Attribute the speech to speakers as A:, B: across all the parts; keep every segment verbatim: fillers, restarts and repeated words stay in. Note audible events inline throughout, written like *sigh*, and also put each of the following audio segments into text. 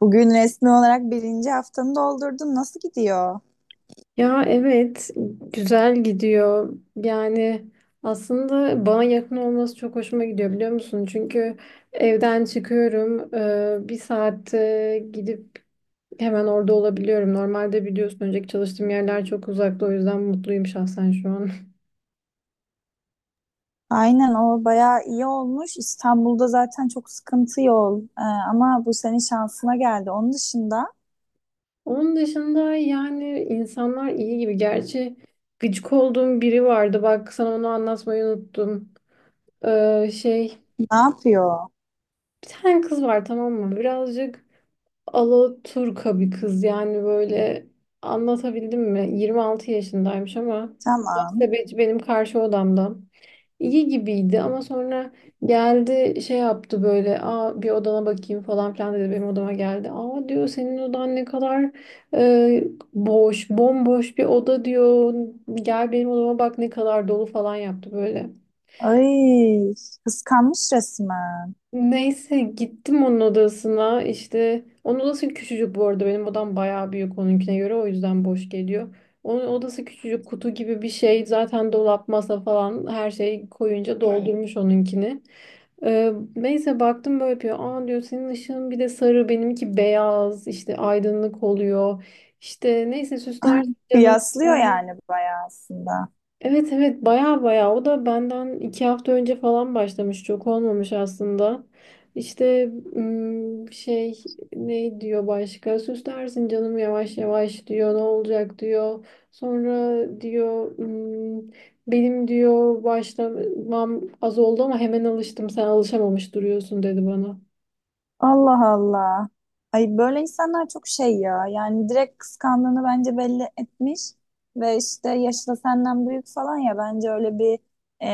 A: Bugün resmi olarak birinci haftanı doldurdun. Nasıl gidiyor?
B: Ya evet güzel gidiyor. Yani aslında bana yakın olması çok hoşuma gidiyor biliyor musun? Çünkü evden çıkıyorum. e, Bir saatte gidip hemen orada olabiliyorum. Normalde biliyorsun önceki çalıştığım yerler çok uzakta o yüzden mutluyum şahsen şu an.
A: Aynen o bayağı iyi olmuş. İstanbul'da zaten çok sıkıntı yol. Ee, ama bu senin şansına geldi. Onun dışında
B: *laughs* Onun dışında yani insanlar iyi gibi. Gerçi gıcık olduğum biri vardı. Bak sana onu anlatmayı unuttum. Ee, şey
A: ne yapıyor?
B: bir tane kız var tamam mı? Birazcık Alaturka bir kız yani böyle anlatabildim mi? yirmi altı yaşındaymış ama
A: Tamam.
B: muhasebeci benim karşı odamda. İyi gibiydi ama sonra geldi şey yaptı böyle aa bir odana bakayım falan filan dedi benim odama geldi. Aa diyor senin odan ne kadar e, boş bomboş bir oda diyor gel benim odama bak ne kadar dolu falan yaptı böyle.
A: Ay, kıskanmış resmen.
B: Neyse gittim onun odasına işte onun odası küçücük bu arada benim odam bayağı büyük onunkine göre o yüzden boş geliyor. Onun odası küçücük kutu gibi bir şey zaten dolap masa falan her şeyi koyunca doldurmuş onunkini. Ee, neyse baktım böyle yapıyor aa diyor senin ışığın bir de sarı benimki beyaz işte aydınlık oluyor. İşte neyse süsler canım.
A: Kıyaslıyor yani bayağı aslında.
B: Evet, evet, baya baya o da benden iki hafta önce falan başlamış çok olmamış aslında. İşte ım, şey ne diyor başka süslersin canım yavaş yavaş diyor ne olacak diyor. Sonra diyor ım, benim diyor başlamam az oldu ama hemen alıştım sen alışamamış duruyorsun dedi bana.
A: Allah Allah. Ay böyle insanlar çok şey ya. Yani direkt kıskandığını bence belli etmiş ve işte yaşı da senden büyük falan ya bence öyle bir e,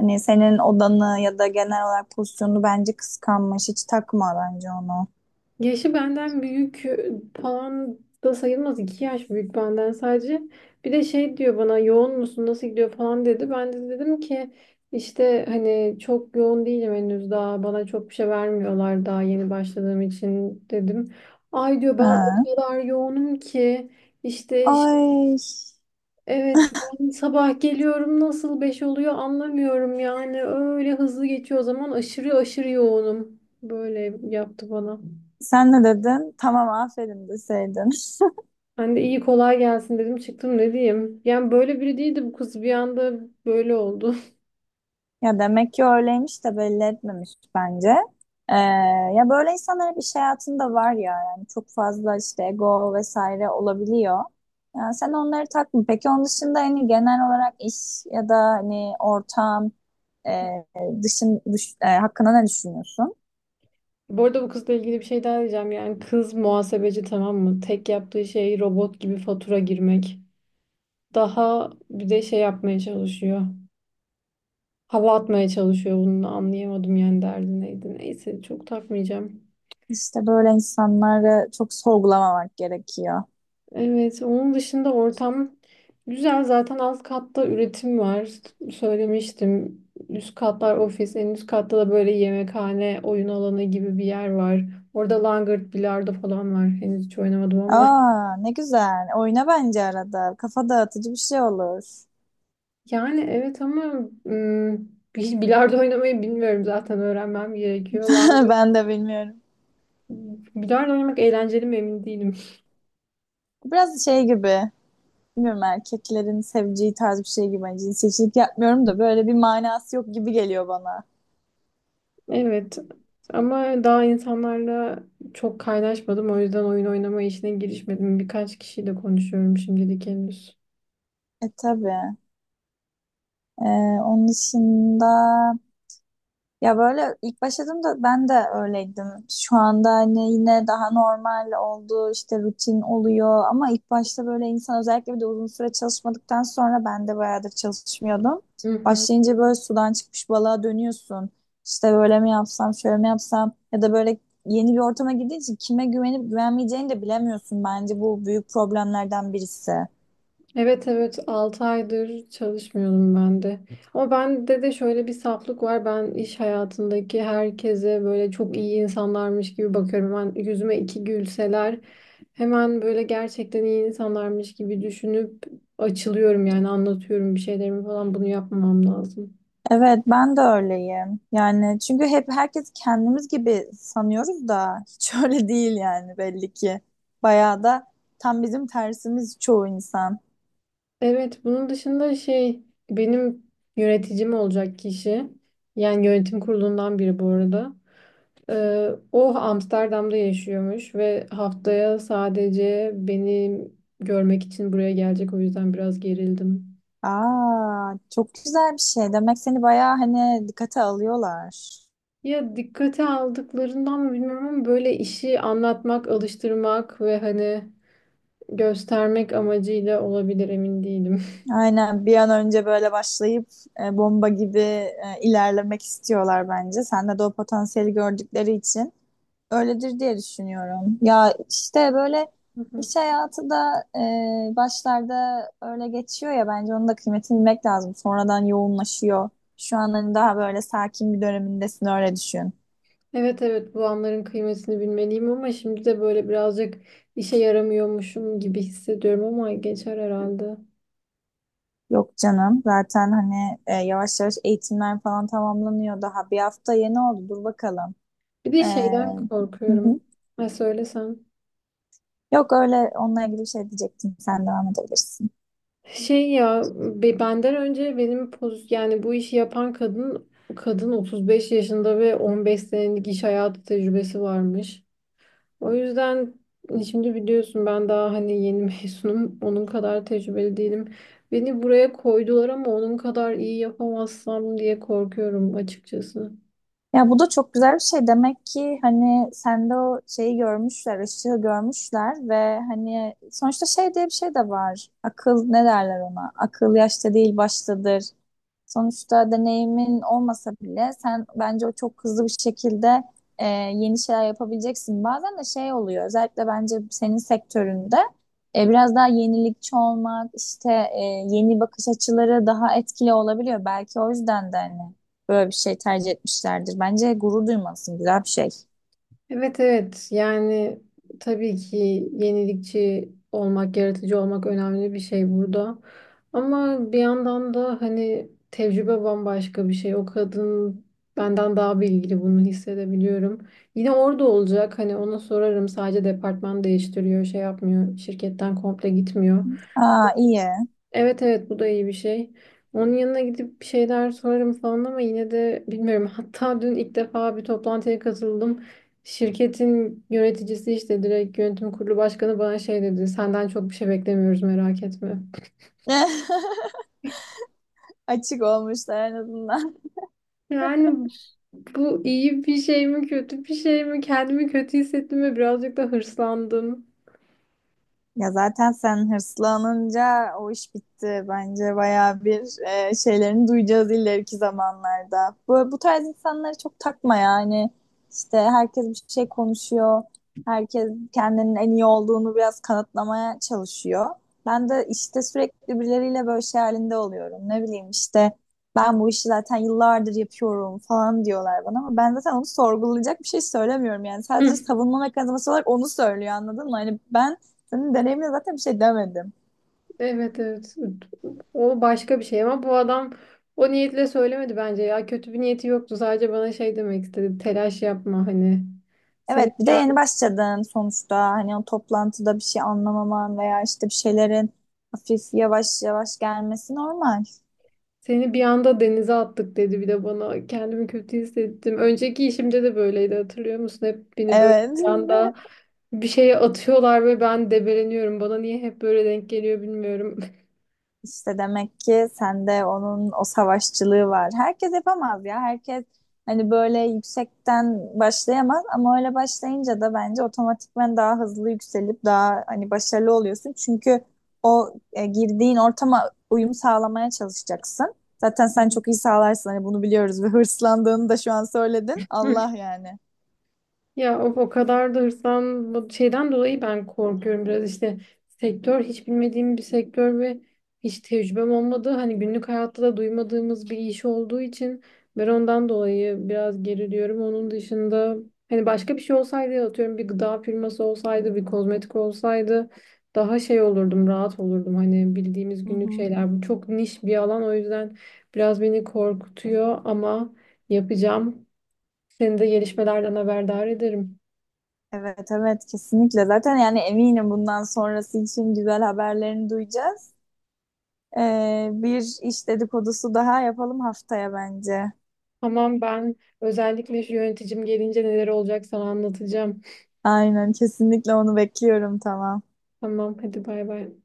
A: hani senin odanı ya da genel olarak pozisyonunu bence kıskanmış. Hiç takma bence onu.
B: Yaşı benden büyük falan da sayılmaz. iki yaş büyük benden sadece. Bir de şey diyor bana yoğun musun nasıl gidiyor falan dedi. Ben de dedim ki işte hani çok yoğun değilim henüz daha bana çok bir şey vermiyorlar daha yeni başladığım için dedim. Ay diyor ben o
A: Ha.
B: kadar yoğunum ki işte şey-
A: Ay
B: evet ben sabah geliyorum nasıl beş oluyor anlamıyorum yani öyle hızlı geçiyor o zaman aşırı aşırı yoğunum. Böyle yaptı bana.
A: sen ne dedin? Tamam aferin deseydin. *laughs*
B: Ben de iyi kolay gelsin dedim çıktım ne diyeyim. Yani böyle biri değildi bu kız bir anda böyle oldu. *laughs*
A: Ya demek ki öyleymiş de belli etmemiş bence. Ee, ya böyle insanlar hep iş hayatında var ya yani çok fazla işte ego vesaire olabiliyor. Yani sen onları takma. Peki onun dışında hani genel olarak iş ya da hani ortam e, dışın dış, e, hakkında ne düşünüyorsun?
B: Bu arada bu kızla ilgili bir şey daha diyeceğim. Yani kız muhasebeci tamam mı? Tek yaptığı şey robot gibi fatura girmek. Daha bir de şey yapmaya çalışıyor. Hava atmaya çalışıyor bunu da anlayamadım yani derdi neydi. Neyse çok takmayacağım.
A: İşte böyle insanları çok sorgulamamak gerekiyor.
B: Evet, onun dışında ortam güzel. Zaten alt katta üretim var. Söylemiştim. Üst katlar ofis, en üst katta da böyle yemekhane, oyun alanı gibi bir yer var. Orada langırt, bilardo falan var. Henüz hiç oynamadım ama. *laughs*
A: Aa ne güzel. Oyna bence arada. Kafa dağıtıcı bir şey olur.
B: Yani evet ama ım, hiç bilardo oynamayı bilmiyorum zaten öğrenmem gerekiyor.
A: *laughs*
B: Langırt,
A: Ben de bilmiyorum.
B: bilardo oynamak eğlenceli mi emin değilim.
A: Biraz şey gibi. Bilmiyorum erkeklerin seveceği tarz bir şey gibi. Hani cinsiyetçilik yapmıyorum da böyle bir manası yok gibi geliyor bana.
B: Evet ama daha insanlarla çok kaynaşmadım o yüzden oyun oynama işine girişmedim. Birkaç kişiyle konuşuyorum şimdilik henüz.
A: E tabii. E, onun dışında ya böyle ilk başladığımda ben de öyleydim. Şu anda hani yine daha normal oldu işte rutin oluyor ama ilk başta böyle insan özellikle bir de uzun süre çalışmadıktan sonra ben de bayağıdır çalışmıyordum.
B: Hı hı.
A: Başlayınca böyle sudan çıkmış balığa dönüyorsun. İşte böyle mi yapsam şöyle mi yapsam ya da böyle yeni bir ortama girdiğin için kime güvenip güvenmeyeceğini de bilemiyorsun. Bence bu büyük problemlerden birisi.
B: Evet, evet, altı aydır çalışmıyorum ben de. Ama bende de şöyle bir saflık var. Ben iş hayatındaki herkese böyle çok iyi insanlarmış gibi bakıyorum. Ben yüzüme iki gülseler hemen böyle gerçekten iyi insanlarmış gibi düşünüp açılıyorum yani anlatıyorum bir şeylerimi falan bunu yapmamam lazım.
A: Evet, ben de öyleyim. Yani çünkü hep herkes kendimiz gibi sanıyoruz da hiç *laughs* öyle değil yani belli ki. Bayağı da tam bizim tersimiz çoğu insan.
B: Evet, bunun dışında şey benim yöneticim olacak kişi yani yönetim kurulundan biri bu arada. Ee, o Amsterdam'da yaşıyormuş ve haftaya sadece beni görmek için buraya gelecek o yüzden biraz gerildim.
A: Aa, çok güzel bir şey. Demek seni bayağı hani dikkate alıyorlar.
B: Ya dikkate aldıklarından mı bilmiyorum ama böyle işi anlatmak, alıştırmak ve hani göstermek amacıyla olabilir emin değilim.
A: Aynen bir an önce böyle başlayıp e, bomba gibi e, ilerlemek istiyorlar bence. Sende de o potansiyeli gördükleri için. Öyledir diye düşünüyorum. Ya işte böyle
B: Hı hı.
A: iş hayatı da e, başlarda öyle geçiyor ya bence onun da kıymetini bilmek lazım. Sonradan yoğunlaşıyor. Şu an hani daha böyle sakin bir dönemindesin öyle düşün.
B: Evet, evet, bu anların kıymetini bilmeliyim ama şimdi de böyle birazcık işe yaramıyormuşum gibi hissediyorum ama geçer herhalde.
A: Yok canım zaten hani e, yavaş yavaş eğitimler falan tamamlanıyor daha bir hafta yeni oldu dur bakalım.
B: Bir de
A: E,
B: şeyden
A: hı
B: korkuyorum.
A: hı.
B: Ha söylesem.
A: Yok öyle onunla ilgili bir şey diyecektim sen devam edebilirsin.
B: Şey ya be- benden önce benim poz yani bu işi yapan kadın kadın otuz beş yaşında ve on beş senelik iş hayatı tecrübesi varmış. O yüzden şimdi biliyorsun ben daha hani yeni *laughs* mezunum. Onun kadar tecrübeli değilim. Beni buraya koydular ama onun kadar iyi yapamazsam diye korkuyorum açıkçası.
A: Ya bu da çok güzel bir şey. Demek ki hani sende o şeyi görmüşler, ışığı görmüşler ve hani sonuçta şey diye bir şey de var. Akıl ne derler ona? Akıl yaşta değil baştadır. Sonuçta deneyimin olmasa bile sen bence o çok hızlı bir şekilde e, yeni şeyler yapabileceksin. Bazen de şey oluyor özellikle bence senin sektöründe e, biraz daha yenilikçi olmak işte e, yeni bakış açıları daha etkili olabiliyor. Belki o yüzden de hani böyle bir şey tercih etmişlerdir. Bence gurur duymalısın güzel bir şey.
B: Evet, evet, yani tabii ki yenilikçi olmak, yaratıcı olmak önemli bir şey burada. Ama bir yandan da hani tecrübe bambaşka bir şey. O kadın benden daha bilgili bunu hissedebiliyorum. Yine orada olacak hani ona sorarım sadece departman değiştiriyor şey yapmıyor şirketten komple gitmiyor.
A: Aa iyi.
B: Evet, evet, bu da iyi bir şey. Onun yanına gidip bir şeyler sorarım falan ama yine de bilmiyorum. *laughs* Hatta dün ilk defa bir toplantıya katıldım. Şirketin yöneticisi işte direkt yönetim kurulu başkanı bana şey dedi. Senden çok bir şey beklemiyoruz merak etme.
A: *laughs* Açık olmuşlar en azından.
B: Yani bu iyi bir şey mi kötü bir şey mi? Kendimi kötü hissettim ve birazcık da hırslandım.
A: Ya zaten sen hırslanınca o iş bitti. Bence bayağı bir e, şeylerini duyacağız ileriki zamanlarda. Bu, bu tarz insanları çok takma yani. İşte herkes bir şey konuşuyor. Herkes kendinin en iyi olduğunu biraz kanıtlamaya çalışıyor. Ben de işte sürekli birileriyle böyle şey halinde oluyorum. Ne bileyim işte ben bu işi zaten yıllardır yapıyorum falan diyorlar bana ama ben zaten onu sorgulayacak bir şey söylemiyorum yani. Sadece
B: *laughs*
A: savunma mekanizması olarak onu söylüyor anladın mı? Hani ben senin deneyimine zaten bir şey demedim.
B: Evet, evet. O başka bir şey ama bu adam o niyetle söylemedi bence ya. Kötü bir niyeti yoktu. Sadece bana şey demek istedi. Telaş yapma hani. Seni
A: Evet, bir
B: bir
A: de
B: anda,
A: yeni başladın sonuçta. Hani o toplantıda bir şey anlamaman veya işte bir şeylerin hafif yavaş yavaş gelmesi normal.
B: seni bir anda denize attık dedi bir de bana. Kendimi kötü hissettim. Önceki işimde de böyleydi hatırlıyor musun? Hep beni böyle
A: Evet.
B: bir anda
A: *laughs*
B: bir şeye atıyorlar ve ben debeleniyorum. Bana niye hep böyle denk geliyor bilmiyorum.
A: İşte demek ki sende onun o savaşçılığı var. Herkes yapamaz ya. Herkes hani böyle yüksekten başlayamaz ama öyle başlayınca da bence otomatikman daha hızlı yükselip daha hani başarılı oluyorsun. Çünkü o e, girdiğin ortama uyum sağlamaya çalışacaksın. Zaten sen çok iyi sağlarsın hani bunu biliyoruz ve *laughs* hırslandığını da şu an söyledin.
B: *laughs*
A: Allah yani.
B: Ya o, o kadar da hırslan bu şeyden dolayı ben korkuyorum biraz işte sektör hiç bilmediğim bir sektör ve hiç tecrübem olmadığı hani günlük hayatta da duymadığımız bir iş olduğu için ben ondan dolayı biraz geriliyorum. Onun dışında hani başka bir şey olsaydı atıyorum bir gıda firması olsaydı bir kozmetik olsaydı daha şey olurdum rahat olurdum hani bildiğimiz
A: Hı
B: günlük
A: hı.
B: şeyler bu çok niş bir alan o yüzden biraz beni korkutuyor ama yapacağım. Seni de gelişmelerden haberdar ederim.
A: Evet evet kesinlikle. Zaten yani eminim bundan sonrası için güzel haberlerini duyacağız. Ee, bir iş dedikodusu daha yapalım haftaya bence.
B: Tamam ben özellikle şu yöneticim gelince neler olacak sana anlatacağım.
A: Aynen kesinlikle onu bekliyorum tamam.
B: Tamam hadi bay bay.